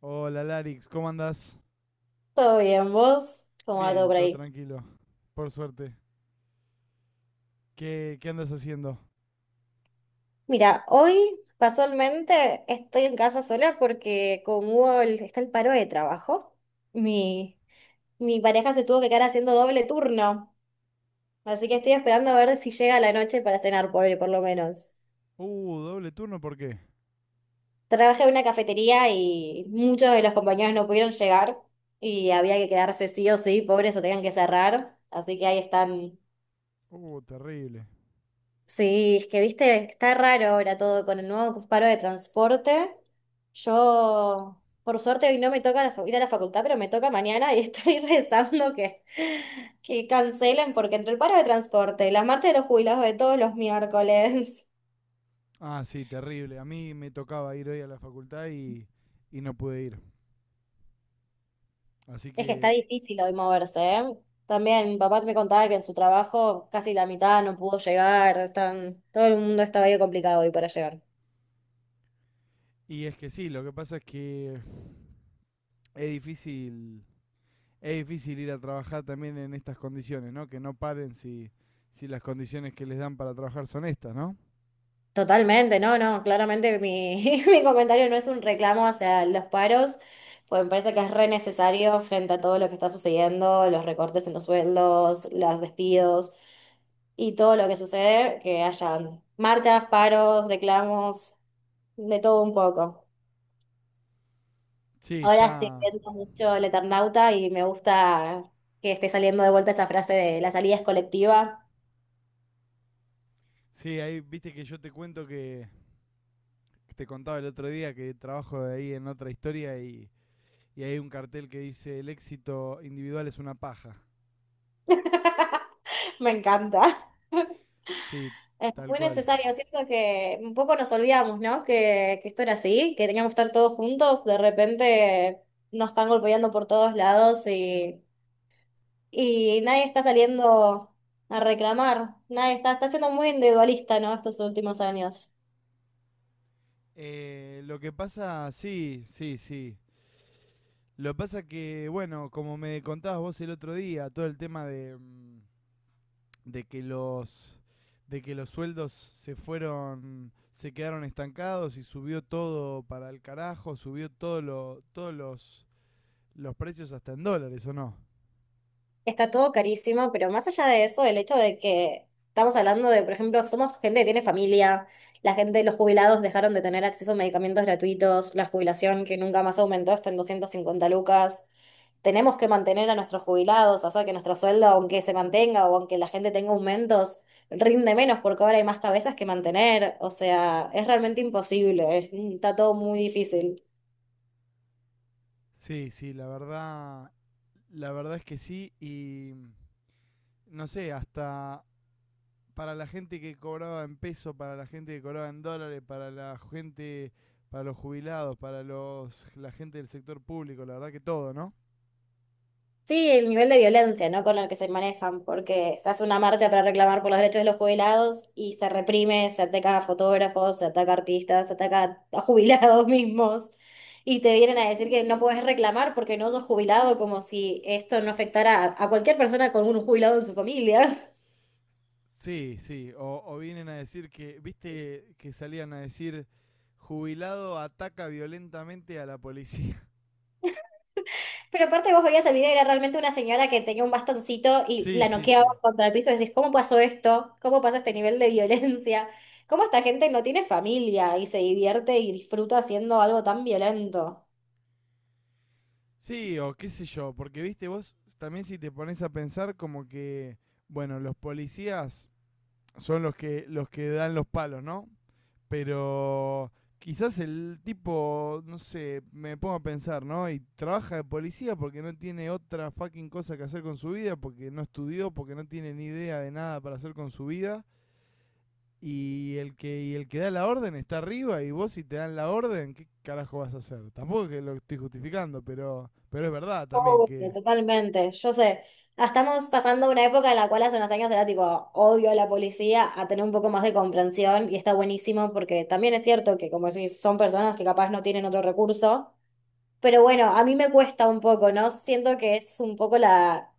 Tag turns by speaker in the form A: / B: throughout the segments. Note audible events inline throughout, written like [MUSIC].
A: Hola Larix, ¿cómo andas?
B: ¿Todo bien, vos? ¿Cómo va todo
A: Bien,
B: por
A: todo
B: ahí?
A: tranquilo, por suerte. ¿Qué andas haciendo?
B: Mira, hoy casualmente estoy en casa sola porque está el paro de trabajo, mi, mi pareja se tuvo que quedar haciendo doble turno, así que estoy esperando a ver si llega la noche para cenar, por lo menos.
A: Doble turno, ¿por qué?
B: Trabajé en una cafetería y muchos de los compañeros no pudieron llegar y había que quedarse sí o sí, pobres o tenían que cerrar, así que ahí están.
A: Terrible.
B: Sí, es que viste, está raro ahora todo con el nuevo paro de transporte. Yo, por suerte, hoy no me toca ir a la facultad, pero me toca mañana y estoy [LAUGHS] rezando que cancelen, porque entre el paro de transporte, las marchas de los jubilados de todos los miércoles,
A: Ah, sí, terrible. A mí me tocaba ir hoy a la facultad y no pude ir. Así
B: [LAUGHS] es que está
A: que...
B: difícil hoy moverse, ¿eh? También mi papá me contaba que en su trabajo casi la mitad no pudo llegar, están, todo el mundo estaba ahí complicado hoy para llegar.
A: Y es que sí, lo que pasa es que es difícil, es difícil ir a trabajar también en estas condiciones, ¿no? Que no paren si las condiciones que les dan para trabajar son estas, ¿no?
B: Totalmente, no, no, claramente [LAUGHS] mi comentario no es un reclamo hacia los paros, pues me parece que es re necesario frente a todo lo que está sucediendo, los recortes en los sueldos, los despidos y todo lo que sucede, que hayan marchas, paros, reclamos, de todo un poco.
A: Sí,
B: Ahora estoy
A: está...
B: viendo mucho El Eternauta y me gusta que esté saliendo de vuelta esa frase de la salida es colectiva.
A: Sí, ahí viste que yo te cuento que te contaba el otro día que trabajo de ahí en otra historia y hay un cartel que dice el éxito individual es una paja.
B: [LAUGHS] Me encanta.
A: Sí,
B: Es
A: tal
B: muy
A: cual.
B: necesario, siento que un poco nos olvidamos, ¿no? Que esto era así, que teníamos que estar todos juntos, de repente nos están golpeando por todos lados y nadie está saliendo a reclamar, nadie está siendo muy individualista, ¿no? Estos últimos años.
A: Lo que pasa, sí, sí, sí. Lo que pasa que, bueno, como me contabas vos el otro día, todo el tema de, de que los de que los sueldos se fueron, se quedaron estancados y subió todo para el carajo, subió los precios hasta en dólares, ¿o no?
B: Está todo carísimo, pero más allá de eso, el hecho de que estamos hablando de, por ejemplo, somos gente que tiene familia, la gente, los jubilados dejaron de tener acceso a medicamentos gratuitos, la jubilación que nunca más aumentó está en 250 lucas. Tenemos que mantener a nuestros jubilados, o sea, que nuestro sueldo, aunque se mantenga o aunque la gente tenga aumentos, rinde menos porque ahora hay más cabezas que mantener. O sea, es realmente imposible, está todo muy difícil.
A: Sí, sí, la verdad. La verdad es que sí, y no sé, hasta para la gente que cobraba en peso, para la gente que cobraba en dólares, para la gente, para los jubilados, la gente del sector público, la verdad que todo, ¿no?
B: Sí, el nivel de violencia, ¿no? Con el que se manejan, porque se hace una marcha para reclamar por los derechos de los jubilados y se reprime, se ataca a fotógrafos, se ataca a artistas, se ataca a jubilados [LAUGHS] mismos y te vienen a decir que no puedes reclamar porque no sos jubilado, como si esto no afectara a cualquier persona con un jubilado en su familia.
A: Sí, sí, o vienen a decir que, viste que salían a decir, jubilado ataca violentamente a la policía. [LAUGHS]
B: Pero aparte vos veías el video y era realmente una señora que tenía un bastoncito y
A: Sí,
B: la
A: sí,
B: noqueaba
A: sí.
B: contra el piso y decís, ¿cómo pasó esto? ¿Cómo pasa este nivel de violencia? ¿Cómo esta gente no tiene familia y se divierte y disfruta haciendo algo tan violento?
A: Sí, o qué sé yo, porque viste vos, también si te pones a pensar como que, bueno, los policías son los que dan los palos, ¿no? Pero quizás el tipo, no sé, me pongo a pensar, ¿no? Y trabaja de policía porque no tiene otra fucking cosa que hacer con su vida, porque no estudió, porque no tiene ni idea de nada para hacer con su vida. Y el que da la orden está arriba y vos si te dan la orden, ¿qué carajo vas a hacer? Tampoco es que lo estoy justificando, pero es verdad también
B: Oh,
A: que...
B: totalmente, yo sé. Estamos pasando una época en la cual hace unos años era tipo odio a la policía, a tener un poco más de comprensión y está buenísimo porque también es cierto que como decís, son personas que capaz no tienen otro recurso. Pero bueno, a mí me cuesta un poco, ¿no? Siento que es un poco la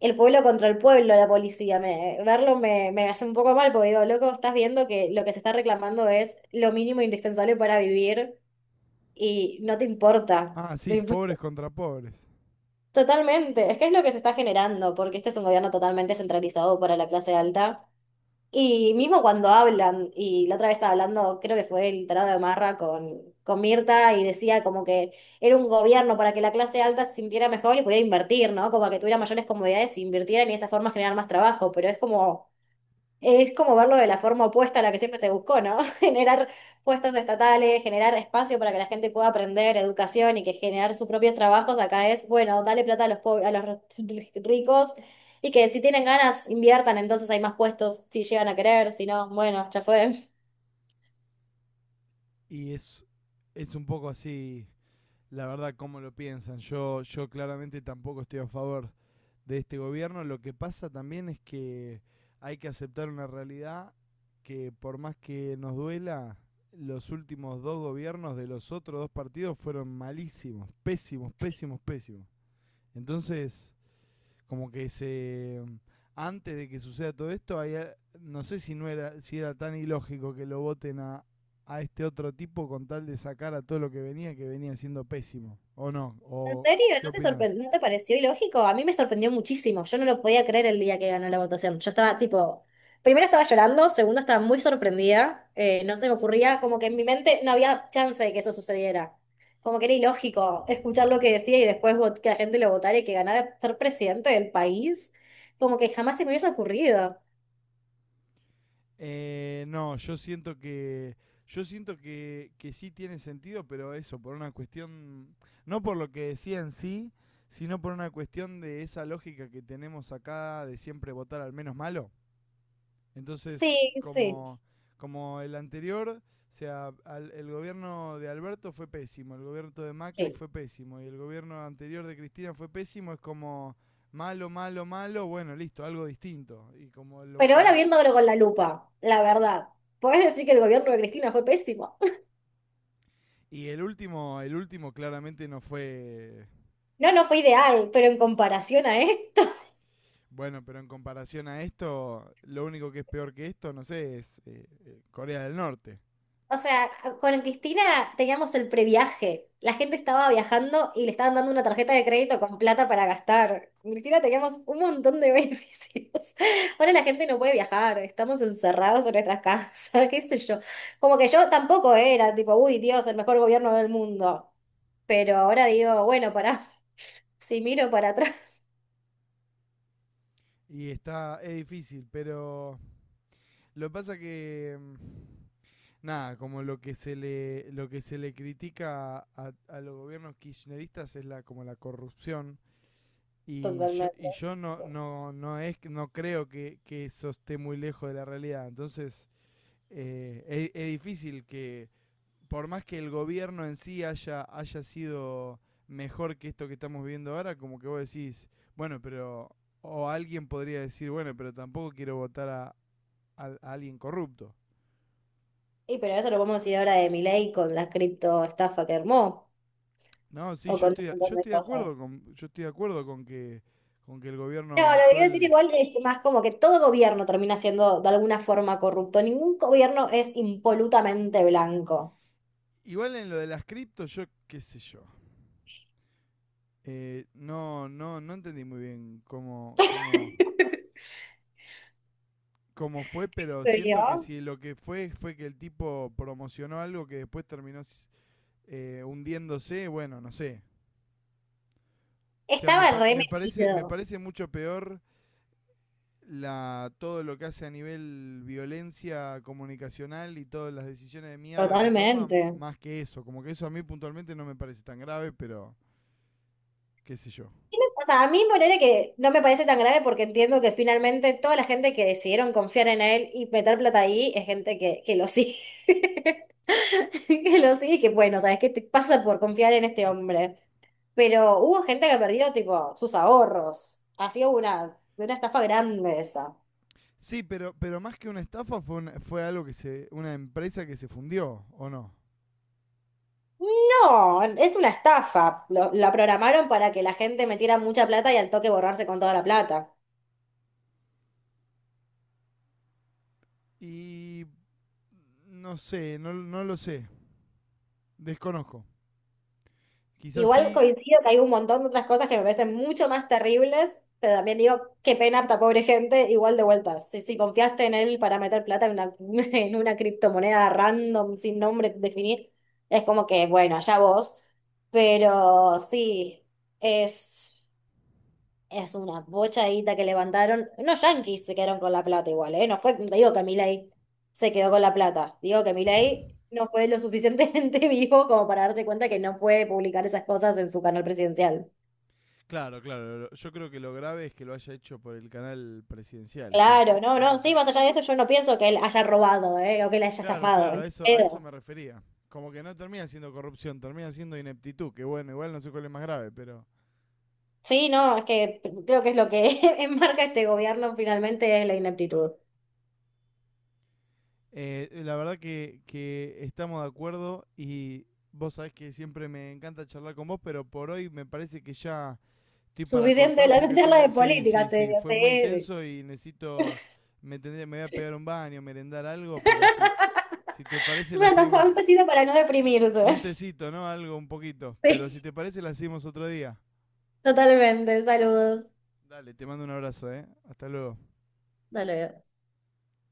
B: el pueblo contra el pueblo, la policía. Verlo me hace un poco mal, porque digo, loco, estás viendo que lo que se está reclamando es lo mínimo indispensable para vivir y no te importa.
A: Ah, sí,
B: Tipo,
A: pobres contra pobres.
B: totalmente, es que es lo que se está generando, porque este es un gobierno totalmente centralizado para la clase alta y mismo cuando hablan, y la otra vez estaba hablando, creo que fue el tarado de Marra con Mirta, y decía como que era un gobierno para que la clase alta se sintiera mejor y pudiera invertir, ¿no? Como que tuviera mayores comodidades e invirtiera y de esa forma generar más trabajo, pero es como verlo de la forma opuesta a la que siempre se buscó, ¿no? [LAUGHS] Generar puestos estatales, generar espacio para que la gente pueda aprender educación y que generar sus propios trabajos. Acá es, bueno, dale plata a los pobres, ricos y que si tienen ganas inviertan, entonces hay más puestos si llegan a querer, si no, bueno, ya fue.
A: Y es un poco así la verdad cómo lo piensan. Yo claramente tampoco estoy a favor de este gobierno. Lo que pasa también es que hay que aceptar una realidad que por más que nos duela, los últimos dos gobiernos de los otros dos partidos fueron malísimos, pésimos, pésimos, pésimos. Entonces, como que se antes de que suceda todo esto, hay, no sé si no era, si era tan ilógico que lo voten a este otro tipo con tal de sacar a todo lo que venía siendo pésimo, o no,
B: ¿En
A: o
B: serio?
A: ¿qué opinas?
B: ¿No te pareció ilógico? A mí me sorprendió muchísimo. Yo no lo podía creer el día que ganó la votación. Yo estaba tipo, primero estaba llorando, segundo estaba muy sorprendida. No se me ocurría, como que en mi mente no había chance de que eso sucediera. Como que era ilógico escuchar lo que decía y después que la gente lo votara y que ganara ser presidente del país. Como que jamás se me hubiese ocurrido.
A: No, yo siento que que sí tiene sentido, pero eso, por una cuestión, no por lo que decía en sí, sino por una cuestión de esa lógica que tenemos acá de siempre votar al menos malo. Entonces,
B: Sí, sí.
A: como, como el anterior, o sea, el gobierno de Alberto fue pésimo, el gobierno de Macri
B: Sí.
A: fue pésimo y el gobierno anterior de Cristina fue pésimo, es como malo, malo, malo, bueno, listo, algo distinto. Y como
B: Pero ahora viéndolo con la lupa, la verdad, ¿podés decir que el gobierno de Cristina fue pésimo? [LAUGHS]
A: y el último claramente no fue
B: No, no fue ideal, pero en comparación a esto.
A: bueno, pero en comparación a esto, lo único que es peor que esto, no sé, es Corea del Norte.
B: O sea, con Cristina teníamos el previaje. La gente estaba viajando y le estaban dando una tarjeta de crédito con plata para gastar. Con Cristina teníamos un montón de [LAUGHS] beneficios. Ahora la gente no puede viajar, estamos encerrados en nuestras casas, [LAUGHS] qué sé yo. Como que yo tampoco era tipo, uy, Dios, el mejor gobierno del mundo. Pero ahora digo, bueno, pará, [LAUGHS] si miro para atrás.
A: Y está, es difícil, pero lo que pasa que nada, como lo que se le, lo que se le critica a los gobiernos kirchneristas es la, como la corrupción.
B: [LAUGHS] Totalmente.
A: Y yo no es no creo que eso esté muy lejos de la realidad. Entonces, es difícil que, por más que el gobierno en sí haya sido mejor que esto que estamos viviendo ahora, como que vos decís, bueno, pero. O alguien podría decir, bueno, pero tampoco quiero votar a alguien corrupto.
B: Y pero eso lo podemos decir ahora de Milei con la criptoestafa que armó
A: No, sí,
B: o con un
A: yo
B: montón de
A: estoy de
B: cosas.
A: acuerdo con, yo estoy de acuerdo con que el
B: No,
A: gobierno
B: lo que quiero decir
A: actual,
B: igual es más como que todo gobierno termina siendo de alguna forma corrupto. Ningún gobierno es impolutamente blanco.
A: igual en lo de las criptos, yo qué sé yo. No entendí muy bien
B: [LAUGHS]
A: cómo fue, pero
B: ¿Se
A: siento que
B: vio?
A: si lo que fue fue que el tipo promocionó algo que después terminó hundiéndose, bueno, no sé. O sea,
B: Estaba
A: me
B: remetido.
A: parece mucho peor la, todo lo que hace a nivel violencia comunicacional y todas las decisiones de mierda que toma,
B: Totalmente.
A: más que eso. Como que eso a mí puntualmente no me parece tan grave, pero qué sé yo.
B: O sea, a mí ponerle que no me parece tan grave porque entiendo que finalmente toda la gente que decidieron confiar en él y meter plata ahí es gente que lo sigue. [LAUGHS] Que lo sigue y que bueno, ¿sabes qué te pasa por confiar en este hombre? Pero hubo gente que perdió, tipo, sus ahorros. Así hubo una estafa grande esa.
A: Sí, pero más que una estafa fue algo que se, una empresa que se fundió, ¿o no?
B: No, es una estafa. La programaron para que la gente metiera mucha plata y al toque borrarse con toda la plata.
A: Y no sé, no lo sé, desconozco. Quizás
B: Igual
A: sí.
B: coincido que hay un montón de otras cosas que me parecen mucho más terribles, pero también digo, qué pena esta pobre gente, igual de vuelta. Si confiaste en él para meter plata en una, [LAUGHS] en una criptomoneda random, sin nombre definido, es como que, bueno, allá vos. Pero sí, es. Es una bochadita que levantaron. Unos yanquis se quedaron con la plata igual, ¿eh? No fue, te digo que Milei se quedó con la plata. Digo que Milei no fue lo suficientemente [LAUGHS] vivo como para darse cuenta que no puede publicar esas cosas en su canal presidencial.
A: Claro, claro, yo creo que lo grave es que lo haya hecho por el canal presidencial, sí,
B: Claro, no,
A: eso
B: no, sí,
A: sí.
B: más allá de eso, yo no pienso que él haya robado, ¿eh? O que él haya
A: Claro,
B: estafado,
A: claro,
B: ni
A: a eso
B: pedo.
A: me refería. Como que no termina siendo corrupción, termina siendo ineptitud, que bueno, igual no sé cuál es más grave, pero
B: Sí, no, es que creo que es lo que [LAUGHS] enmarca este gobierno finalmente es la ineptitud.
A: la verdad que estamos de acuerdo y vos sabés que siempre me encanta charlar con vos, pero por hoy me parece que ya estoy para
B: Suficiente
A: cortar
B: la
A: porque
B: charla de
A: tengo... Sí, sí,
B: política, te
A: sí,
B: digo,
A: fue muy
B: sí.
A: intenso y necesito... me voy a pegar un baño, merendar algo, pero
B: [LAUGHS]
A: si te parece la
B: Una
A: seguimos...
B: tapabocas para no deprimirse.
A: Un tecito, ¿no? Algo, un poquito. Pero si
B: [LAUGHS] Sí,
A: te parece la seguimos otro día.
B: totalmente. Saludos.
A: Dale, te mando un abrazo, ¿eh? Hasta luego.
B: Hasta luego.